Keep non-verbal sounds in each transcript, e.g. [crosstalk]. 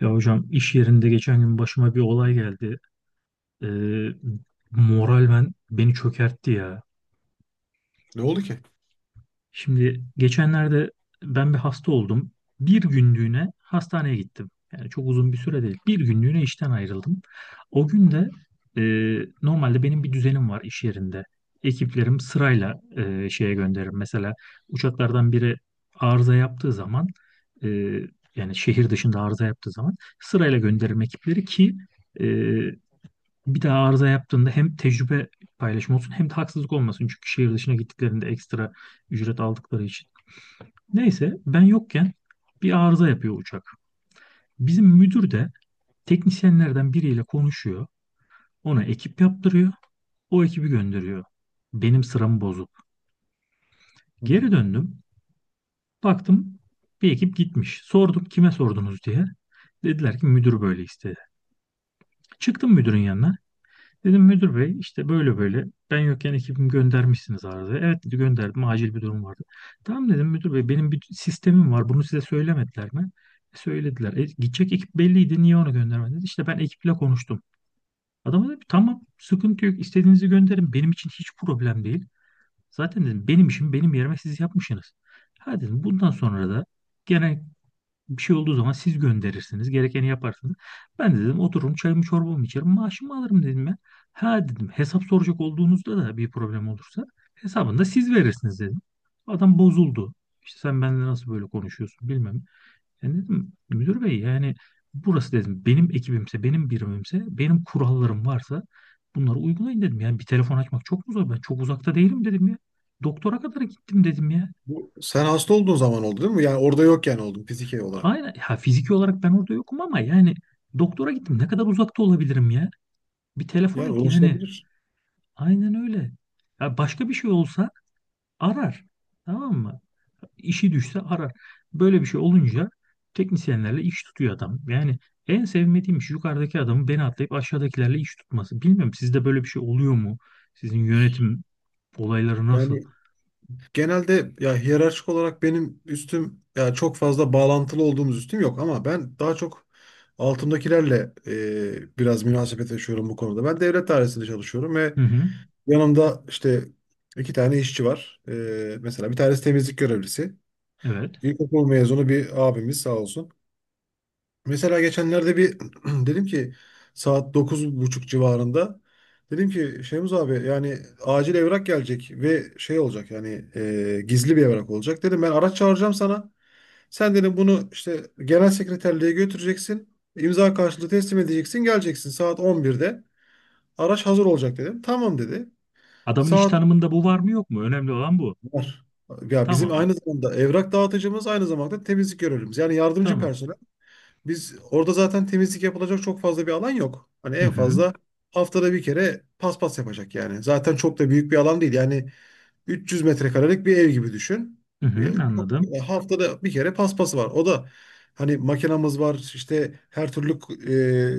Ya hocam iş yerinde geçen gün başıma bir olay geldi. Ee, Moral beni çökertti ya. Ne oldu ki? Şimdi geçenlerde ben bir hasta oldum. Bir günlüğüne hastaneye gittim. Yani çok uzun bir süre değil. Bir günlüğüne işten ayrıldım. O gün de e, normalde benim bir düzenim var iş yerinde. Ekiplerim sırayla şeye gönderir. Mesela uçaklardan biri arıza yaptığı zaman, e, yani şehir dışında arıza yaptığı zaman sırayla gönderirim ekipleri ki e, bir daha arıza yaptığında hem tecrübe paylaşımı olsun hem de haksızlık olmasın. Çünkü şehir dışına gittiklerinde ekstra ücret aldıkları için. Neyse ben yokken bir arıza yapıyor uçak. Bizim müdür de teknisyenlerden biriyle konuşuyor. Ona ekip yaptırıyor. O ekibi gönderiyor. Benim sıramı bozup. Hı. Hı. Geri döndüm. Baktım bir ekip gitmiş. Sordum kime sordunuz diye. Dediler ki müdür böyle istedi. Çıktım müdürün yanına. Dedim müdür bey işte böyle böyle ben yokken ekibimi göndermişsiniz arada. Evet dedi gönderdim acil bir durum vardı. Tamam dedim müdür bey benim bir sistemim var, bunu size söylemediler mi? E, söylediler. E, gidecek ekip belliydi, niye onu göndermediniz? İşte ben ekiple konuştum. Adam dedi tamam sıkıntı yok, istediğinizi gönderin, benim için hiç problem değil. Zaten dedim benim işim benim yerime siz yapmışsınız. Ha dedim bundan sonra da genel bir şey olduğu zaman siz gönderirsiniz. Gerekeni yaparsınız. Ben de dedim otururum çayımı çorbamı içerim. Maaşımı alırım dedim ben. Ha dedim hesap soracak olduğunuzda da bir problem olursa hesabını da siz verirsiniz dedim. Adam bozuldu. İşte sen benimle nasıl böyle konuşuyorsun bilmem. Yani dedim müdür bey yani burası dedim benim ekibimse benim birimimse benim kurallarım varsa bunları uygulayın dedim. Yani bir telefon açmak çok mu zor? Ben çok uzakta değilim dedim ya. Doktora kadar gittim dedim ya. Bu, sen hasta olduğun zaman oldu değil mi? Yani orada yokken oldun fiziki olarak. Aynen. Ya fiziki olarak ben orada yokum ama yani doktora gittim. Ne kadar uzakta olabilirim ya? Bir telefon Yani et yani. ulaşılabilir. Aynen öyle. Ya başka bir şey olsa arar. Tamam mı? İşi düşse arar. Böyle bir şey olunca teknisyenlerle iş tutuyor adam. Yani en sevmediğim iş yukarıdaki adamın beni atlayıp aşağıdakilerle iş tutması. Bilmiyorum sizde böyle bir şey oluyor mu? Sizin yönetim olayları nasıl? Yani genelde ya hiyerarşik olarak benim üstüm ya çok fazla bağlantılı olduğumuz üstüm yok ama ben daha çok altımdakilerle biraz münasebet yaşıyorum bu konuda. Ben devlet dairesinde çalışıyorum ve Hı hı. yanımda işte iki tane işçi var. Mesela bir tanesi temizlik görevlisi. Evet. İlkokul mezunu bir abimiz sağ olsun. Mesela geçenlerde bir [clears throat] dedim ki saat 9:30 civarında dedim ki Şemuz abi yani acil evrak gelecek ve şey olacak yani gizli bir evrak olacak. Dedim ben araç çağıracağım sana. Sen dedim bunu işte genel sekreterliğe götüreceksin. İmza karşılığı teslim edeceksin. Geleceksin saat 11'de. Araç hazır olacak dedim. Tamam dedi. Adamın iş Saat tanımında bu var mı yok mu? Önemli olan bu. var. Ya bizim Tamam. iyi. aynı zamanda evrak dağıtıcımız aynı zamanda temizlik görevlimiz. Yani yardımcı Tamam. personel. Biz orada zaten temizlik yapılacak çok fazla bir alan yok. Hani Hı en hı. fazla haftada bir kere paspas yapacak yani. Zaten çok da büyük bir alan değil. Yani 300 metrekarelik bir ev gibi düşün. Hı E, hı, Çok, anladım. Haftada bir kere paspası var. O da hani makinamız var işte her türlü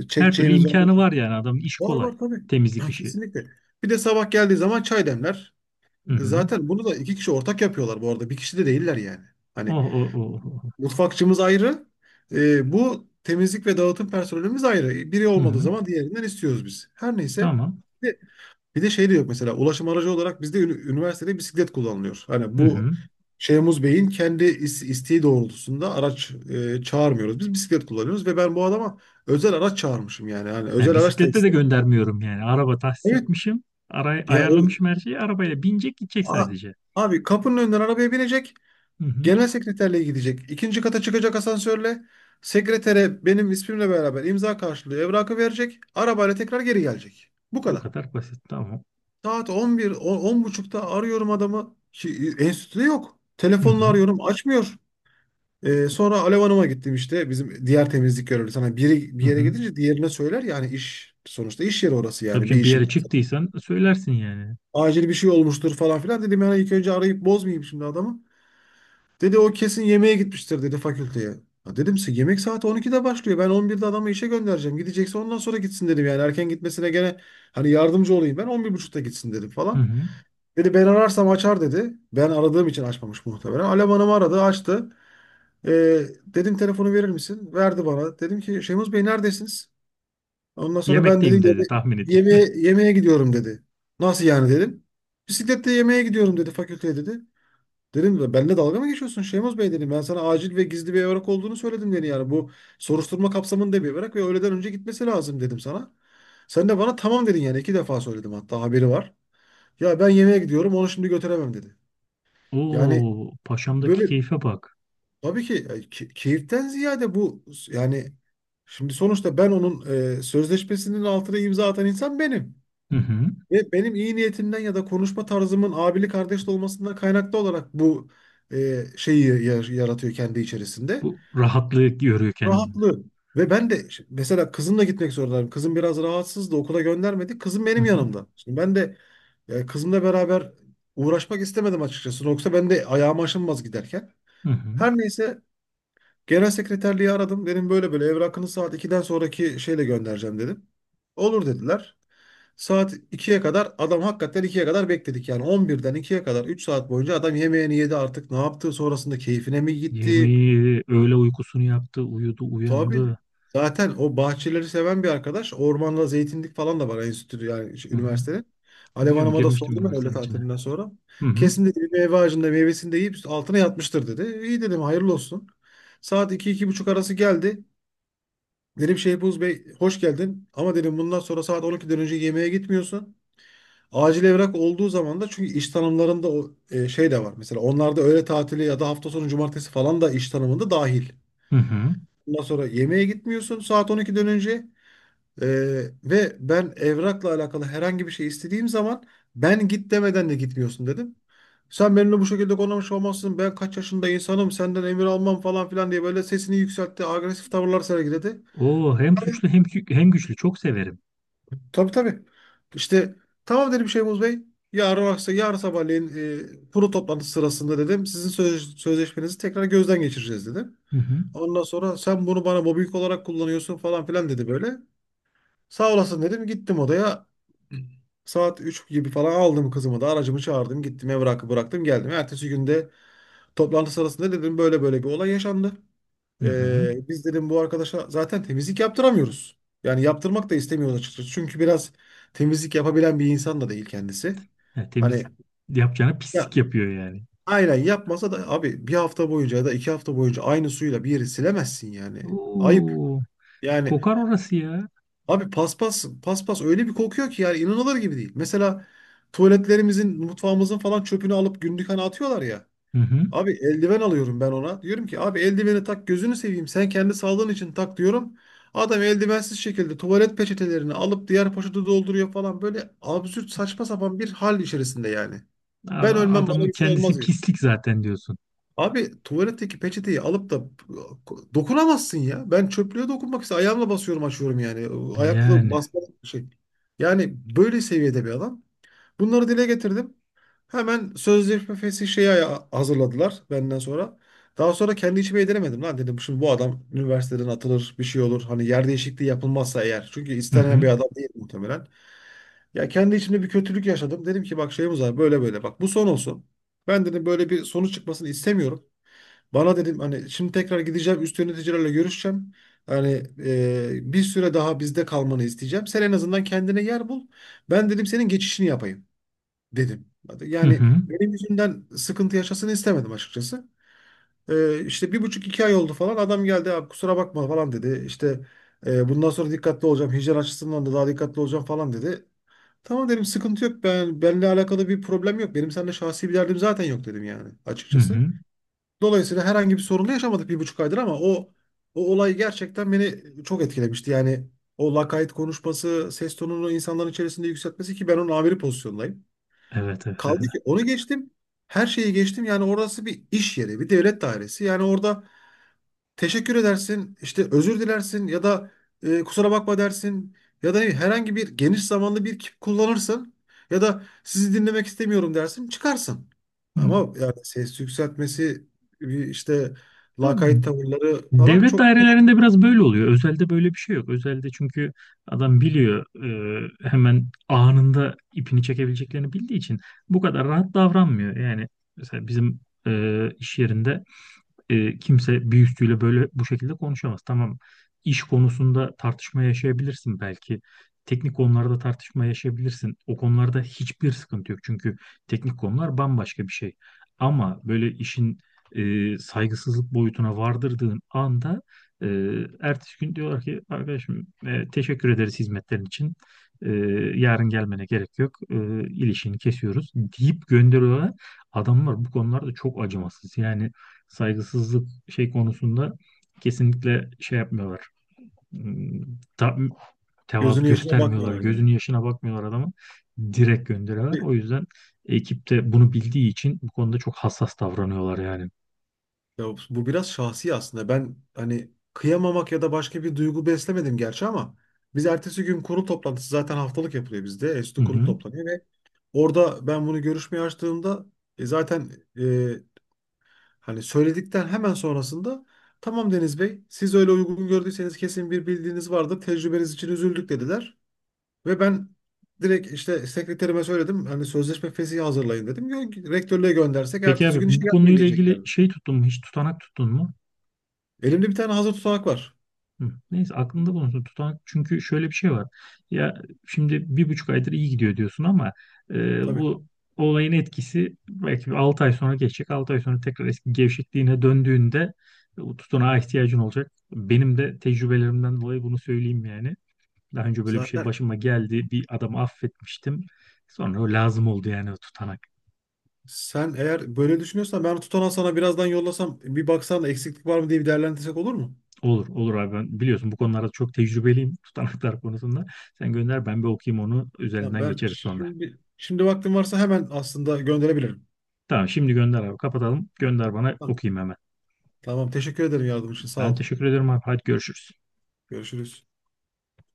Her türlü çekeceğimiz var. imkanı var, yani adamın işi Var kolay. var tabii. [clears throat] Temizlik Ha, işi. kesinlikle. Bir de sabah geldiği zaman çay demler. Hı hı. Zaten bunu da iki kişi ortak yapıyorlar bu arada. Bir kişi de değiller yani. Oh, Hani oh, oh, oh, oh. mutfakçımız ayrı. Bu temizlik ve dağıtım personelimiz ayrı. Biri Hı olmadığı hı. zaman diğerinden istiyoruz biz. Her neyse. Tamam. Bir de, bir de şey de yok mesela ulaşım aracı olarak bizde üniversitede bisiklet kullanılıyor. Hani Hı bu hı. Şeyhmuz Bey'in kendi isteği doğrultusunda araç çağırmıyoruz. Biz bisiklet kullanıyoruz ve ben bu adama özel araç çağırmışım yani. Yani Ya özel araç da bisikletle de istemiyorum. göndermiyorum yani. Araba tahsis Evet. etmişim. Aray Ya o ayarlamışım her şeyi. Arabaya binecek gidecek a- sadece. abi kapının önünden arabaya binecek. Hı hı. Genel sekreterliğe gidecek. İkinci kata çıkacak asansörle. Sekretere benim ismimle beraber imza karşılığı evrakı verecek. Arabayla tekrar geri gelecek. Bu Bu kadar. kadar basit. Tamam. Saat 11 buçukta arıyorum adamı. Ki, enstitüde yok. Hı Telefonla hı. arıyorum açmıyor. Sonra Alev Hanım'a gittim işte. Bizim diğer temizlik görevlisi. Sana biri bir Hı yere hı. gidince diğerine söyler. Yani iş sonuçta iş yeri orası Tabii yani. Bir ki bir işim. yere çıktıysan söylersin yani. Acil bir şey olmuştur falan filan. Dedim yani ilk önce arayıp bozmayayım şimdi adamı. Dedi o kesin yemeğe gitmiştir dedi fakülteye. Ha dedim size yemek saati 12'de başlıyor. Ben 11'de adamı işe göndereceğim. Gidecekse ondan sonra gitsin dedim yani. Erken gitmesine gene hani yardımcı olayım. Ben 11:30'da gitsin dedim Hı falan. hı. Dedi ben ararsam açar dedi. Ben aradığım için açmamış muhtemelen. Alem Hanım aradı açtı. Dedim telefonu verir misin? Verdi bana. Dedim ki Şemuz Bey neredesiniz? Ondan sonra ben Yemekteyim dedim dedi yeme tahmin edeyim. yemeğe, yemeğe gidiyorum dedi. Nasıl yani dedim. Bisikletle yemeğe gidiyorum dedi fakülteye dedi. Dedim "Ve benimle dalga mı geçiyorsun Şeymoz Bey dedim. Ben sana acil ve gizli bir evrak olduğunu söyledim dedi yani. Bu soruşturma kapsamında bir evrak ve öğleden önce gitmesi lazım dedim sana. Sen de bana tamam dedin yani iki defa söyledim hatta haberi var. Ya ben yemeğe gidiyorum onu şimdi götüremem dedi. [laughs] Yani Oo, paşamdaki böyle keyfe bak. tabii ki keyiften ziyade bu yani şimdi sonuçta ben onun sözleşmesinin altına imza atan insan benim. Hı hı. Ve benim iyi niyetimden ya da konuşma tarzımın abili kardeşli olmasından kaynaklı olarak bu şeyi yaratıyor kendi içerisinde. Bu rahatlığı görüyor kendinde. Rahatlığı. Ve ben de mesela kızımla gitmek zorundayım. Kızım biraz rahatsızdı. Okula göndermedi. Kızım Hı benim hı. yanımda. Şimdi ben de kızımla beraber uğraşmak istemedim açıkçası. Yoksa ben de ayağım aşınmaz giderken. Hı hı. Her neyse. Genel sekreterliği aradım. Dedim böyle böyle evrakını saat ikiden sonraki şeyle göndereceğim dedim. Olur dediler. Saat ikiye kadar adam hakikaten ikiye kadar bekledik. Yani on birden ikiye kadar 3 saat boyunca adam yemeğini yedi artık ne yaptı sonrasında keyfine mi gitti? Yemeği, öğle uykusunu yaptı, uyudu, Tabii uyandı. zaten o bahçeleri seven bir arkadaş. Ormanda zeytinlik falan da var enstitü yani şu Hı hı. üniversitenin. Alev Biliyorum Hanım'a da girmiştim sordum ben öğle üniversitenin içine. tatilinden sonra. Hı hı. Kesin dedi bir meyve ağacında meyvesini de yiyip altına yatmıştır dedi. İyi dedim hayırlı olsun. Saat iki iki buçuk arası geldi. Dedim Şehbuz Bey hoş geldin ama dedim bundan sonra saat 12'den önce yemeğe gitmiyorsun. Acil evrak olduğu zaman da çünkü iş tanımlarında o şey de var. Mesela onlarda öğle tatili ya da hafta sonu cumartesi falan da iş tanımında dahil. Hı hı. Bundan sonra yemeğe gitmiyorsun saat 12'den önce. E, Ve ben evrakla alakalı herhangi bir şey istediğim zaman ben git demeden de gitmiyorsun dedim. Sen benimle bu şekilde konuşmuş olmazsın. Ben kaç yaşında insanım senden emir almam falan filan diye böyle sesini yükseltti. Agresif tavırlar sergiledi. Oo, hem suçlu hem hem güçlü çok severim. Tabii tabii. İşte tamam dedim Şeyhmuz Bey. Yarın akşam, yarın sabahleyin kurul toplantısı sırasında dedim. Sizin sözleşmenizi tekrar gözden geçireceğiz dedim. Hı hı. Ondan sonra sen bunu bana mobbing olarak kullanıyorsun falan filan dedi böyle. Sağ olasın dedim. Gittim odaya. Saat 3 gibi falan aldım kızımı da aracımı çağırdım. Gittim evrakı bıraktım geldim. Ertesi günde toplantı sırasında dedim böyle böyle bir olay yaşandı. Hı hı. Biz dedim bu arkadaşa zaten temizlik yaptıramıyoruz. Yani yaptırmak da istemiyoruz açıkçası. Çünkü biraz temizlik yapabilen bir insan da değil kendisi. Ya, Hani temizlik yapacağına ya pislik yapıyor yani. aynen yapmasa da abi bir hafta boyunca ya da 2 hafta boyunca aynı suyla bir yeri silemezsin yani. Ayıp. Oo, Yani kokar orası ya. abi paspas paspas öyle bir kokuyor ki yani inanılır gibi değil. Mesela tuvaletlerimizin, mutfağımızın falan çöpünü alıp günlük hani atıyorlar ya. Hı hı. Abi eldiven alıyorum ben ona. Diyorum ki abi eldiveni tak gözünü seveyim. Sen kendi sağlığın için tak diyorum. Adam eldivensiz şekilde tuvalet peçetelerini alıp diğer poşete dolduruyor falan. Böyle absürt saçma sapan bir hal içerisinde yani. Ben ölmem bana Adamın bir şey kendisi olmaz diyor. pislik zaten diyorsun. Abi tuvaletteki peçeteyi alıp da dokunamazsın ya. Ben çöplüğe dokunmak için ayağımla basıyorum açıyorum yani. Ayakla Yani. basmak bir şey. Yani böyle seviyede bir adam. Bunları dile getirdim. Hemen sözleşmesi şeyi hazırladılar benden sonra. Daha sonra kendi içime yediremedim lan dedim. Şimdi bu adam üniversiteden atılır bir şey olur. Hani yer değişikliği yapılmazsa eğer. Çünkü Hı istenen hı. bir adam değil muhtemelen. Ya kendi içimde bir kötülük yaşadım. Dedim ki bak şeyimiz var böyle böyle bak bu son olsun. Ben dedim böyle bir sonuç çıkmasını istemiyorum. Bana dedim hani şimdi tekrar gideceğim üst yöneticilerle görüşeceğim. Hani bir süre daha bizde kalmanı isteyeceğim. Sen en azından kendine yer bul. Ben dedim senin geçişini yapayım dedim. Hı Yani hı. benim yüzümden sıkıntı yaşasını istemedim açıkçası. İşte bir buçuk iki ay oldu falan. Adam geldi abi kusura bakma falan dedi. İşte " Bundan sonra dikkatli olacağım. Hijyen açısından da daha dikkatli olacağım falan dedi. Tamam dedim sıkıntı yok. Ben benimle alakalı bir problem yok. Benim seninle şahsi bir derdim zaten yok dedim yani Hı açıkçası. hı. Dolayısıyla herhangi bir sorunla yaşamadık 1,5 aydır ama o olay gerçekten beni çok etkilemişti. Yani o lakayt konuşması, ses tonunu insanların içerisinde yükseltmesi ki ben onun amiri pozisyondayım. Evet evet Kaldı evet. ki onu geçtim. Her şeyi geçtim. Yani orası bir iş yeri, bir devlet dairesi. Yani orada teşekkür edersin, işte özür dilersin ya da kusura bakma dersin ya da ne bileyim, herhangi bir geniş zamanlı bir kip kullanırsın ya da sizi dinlemek istemiyorum dersin, çıkarsın. Ama yani ses yükseltmesi bir işte Hı. lakayt tavırları falan Devlet çok dairelerinde biraz böyle oluyor. Özelde böyle bir şey yok. Özelde çünkü adam biliyor hemen anında ipini çekebileceklerini bildiği için bu kadar rahat davranmıyor. Yani mesela bizim iş yerinde kimse bir üstüyle böyle bu şekilde konuşamaz. Tamam, iş konusunda tartışma yaşayabilirsin belki. Teknik konularda tartışma yaşayabilirsin. O konularda hiçbir sıkıntı yok. Çünkü teknik konular bambaşka bir şey. Ama böyle işin saygısızlık boyutuna vardırdığın anda e, ertesi gün diyorlar ki arkadaşım teşekkür ederiz hizmetlerin için. E, Yarın gelmene gerek yok. İlişini kesiyoruz deyip gönderiyorlar. Adamlar bu konularda çok acımasız. Yani saygısızlık şey konusunda kesinlikle şey yapmıyorlar. Hmm, Ta, tevazu gözünün yaşına göstermiyorlar. bakmıyorlar yani. Gözünün yaşına bakmıyorlar adamın. Direkt gönderiyorlar. Abi, O yüzden ekipte bunu bildiği için bu konuda çok hassas davranıyorlar yani. ya bu biraz şahsi aslında. Ben hani kıyamamak ya da başka bir duygu beslemedim gerçi ama biz ertesi gün kurul toplantısı zaten haftalık yapılıyor bizde. Hı Enstitü kurul hı. toplanıyor ve orada ben bunu görüşmeye açtığımda zaten e, hani söyledikten hemen sonrasında tamam Deniz Bey siz öyle uygun gördüyseniz kesin bir bildiğiniz vardır. Tecrübeniz için üzüldük dediler. Ve ben direkt işte sekreterime söyledim hani sözleşme fesihi hazırlayın dedim. Rektörlüğe göndersek Peki abi ertesi gün işe bu gelmeye konuyla ilgili diyeceklerdi. şey tuttun mu? Hiç tutanak tuttun mu? Elimde bir tane hazır tutanak var. Hı. Neyse aklında bulunsun tutan, çünkü şöyle bir şey var ya, şimdi bir buçuk aydır iyi gidiyor diyorsun ama e, Tabii. bu olayın etkisi belki 6 ay sonra geçecek, 6 ay sonra tekrar eski gevşekliğine döndüğünde o tutanağa ihtiyacın olacak. Benim de tecrübelerimden dolayı bunu söyleyeyim yani, daha önce böyle bir şey Zaten başıma geldi, bir adamı affetmiştim, sonra o lazım oldu yani o tutanak. sen eğer böyle düşünüyorsan ben tutanağı sana birazdan yollasam bir baksan da eksiklik var mı diye bir değerlendirsek olur mu? Olur olur abi, ben biliyorsun bu konularda çok tecrübeliyim [laughs] tutanaklar konusunda. Sen gönder, ben bir okuyayım onu, Tamam, üzerinden ben geçeriz sonra. şimdi vaktim varsa hemen aslında gönderebilirim. Tamam şimdi gönder abi, kapatalım. Gönder bana Tamam, okuyayım hemen. tamam teşekkür ederim yardım için sağ Ben ol. teşekkür ederim abi. Hadi görüşürüz. Görüşürüz.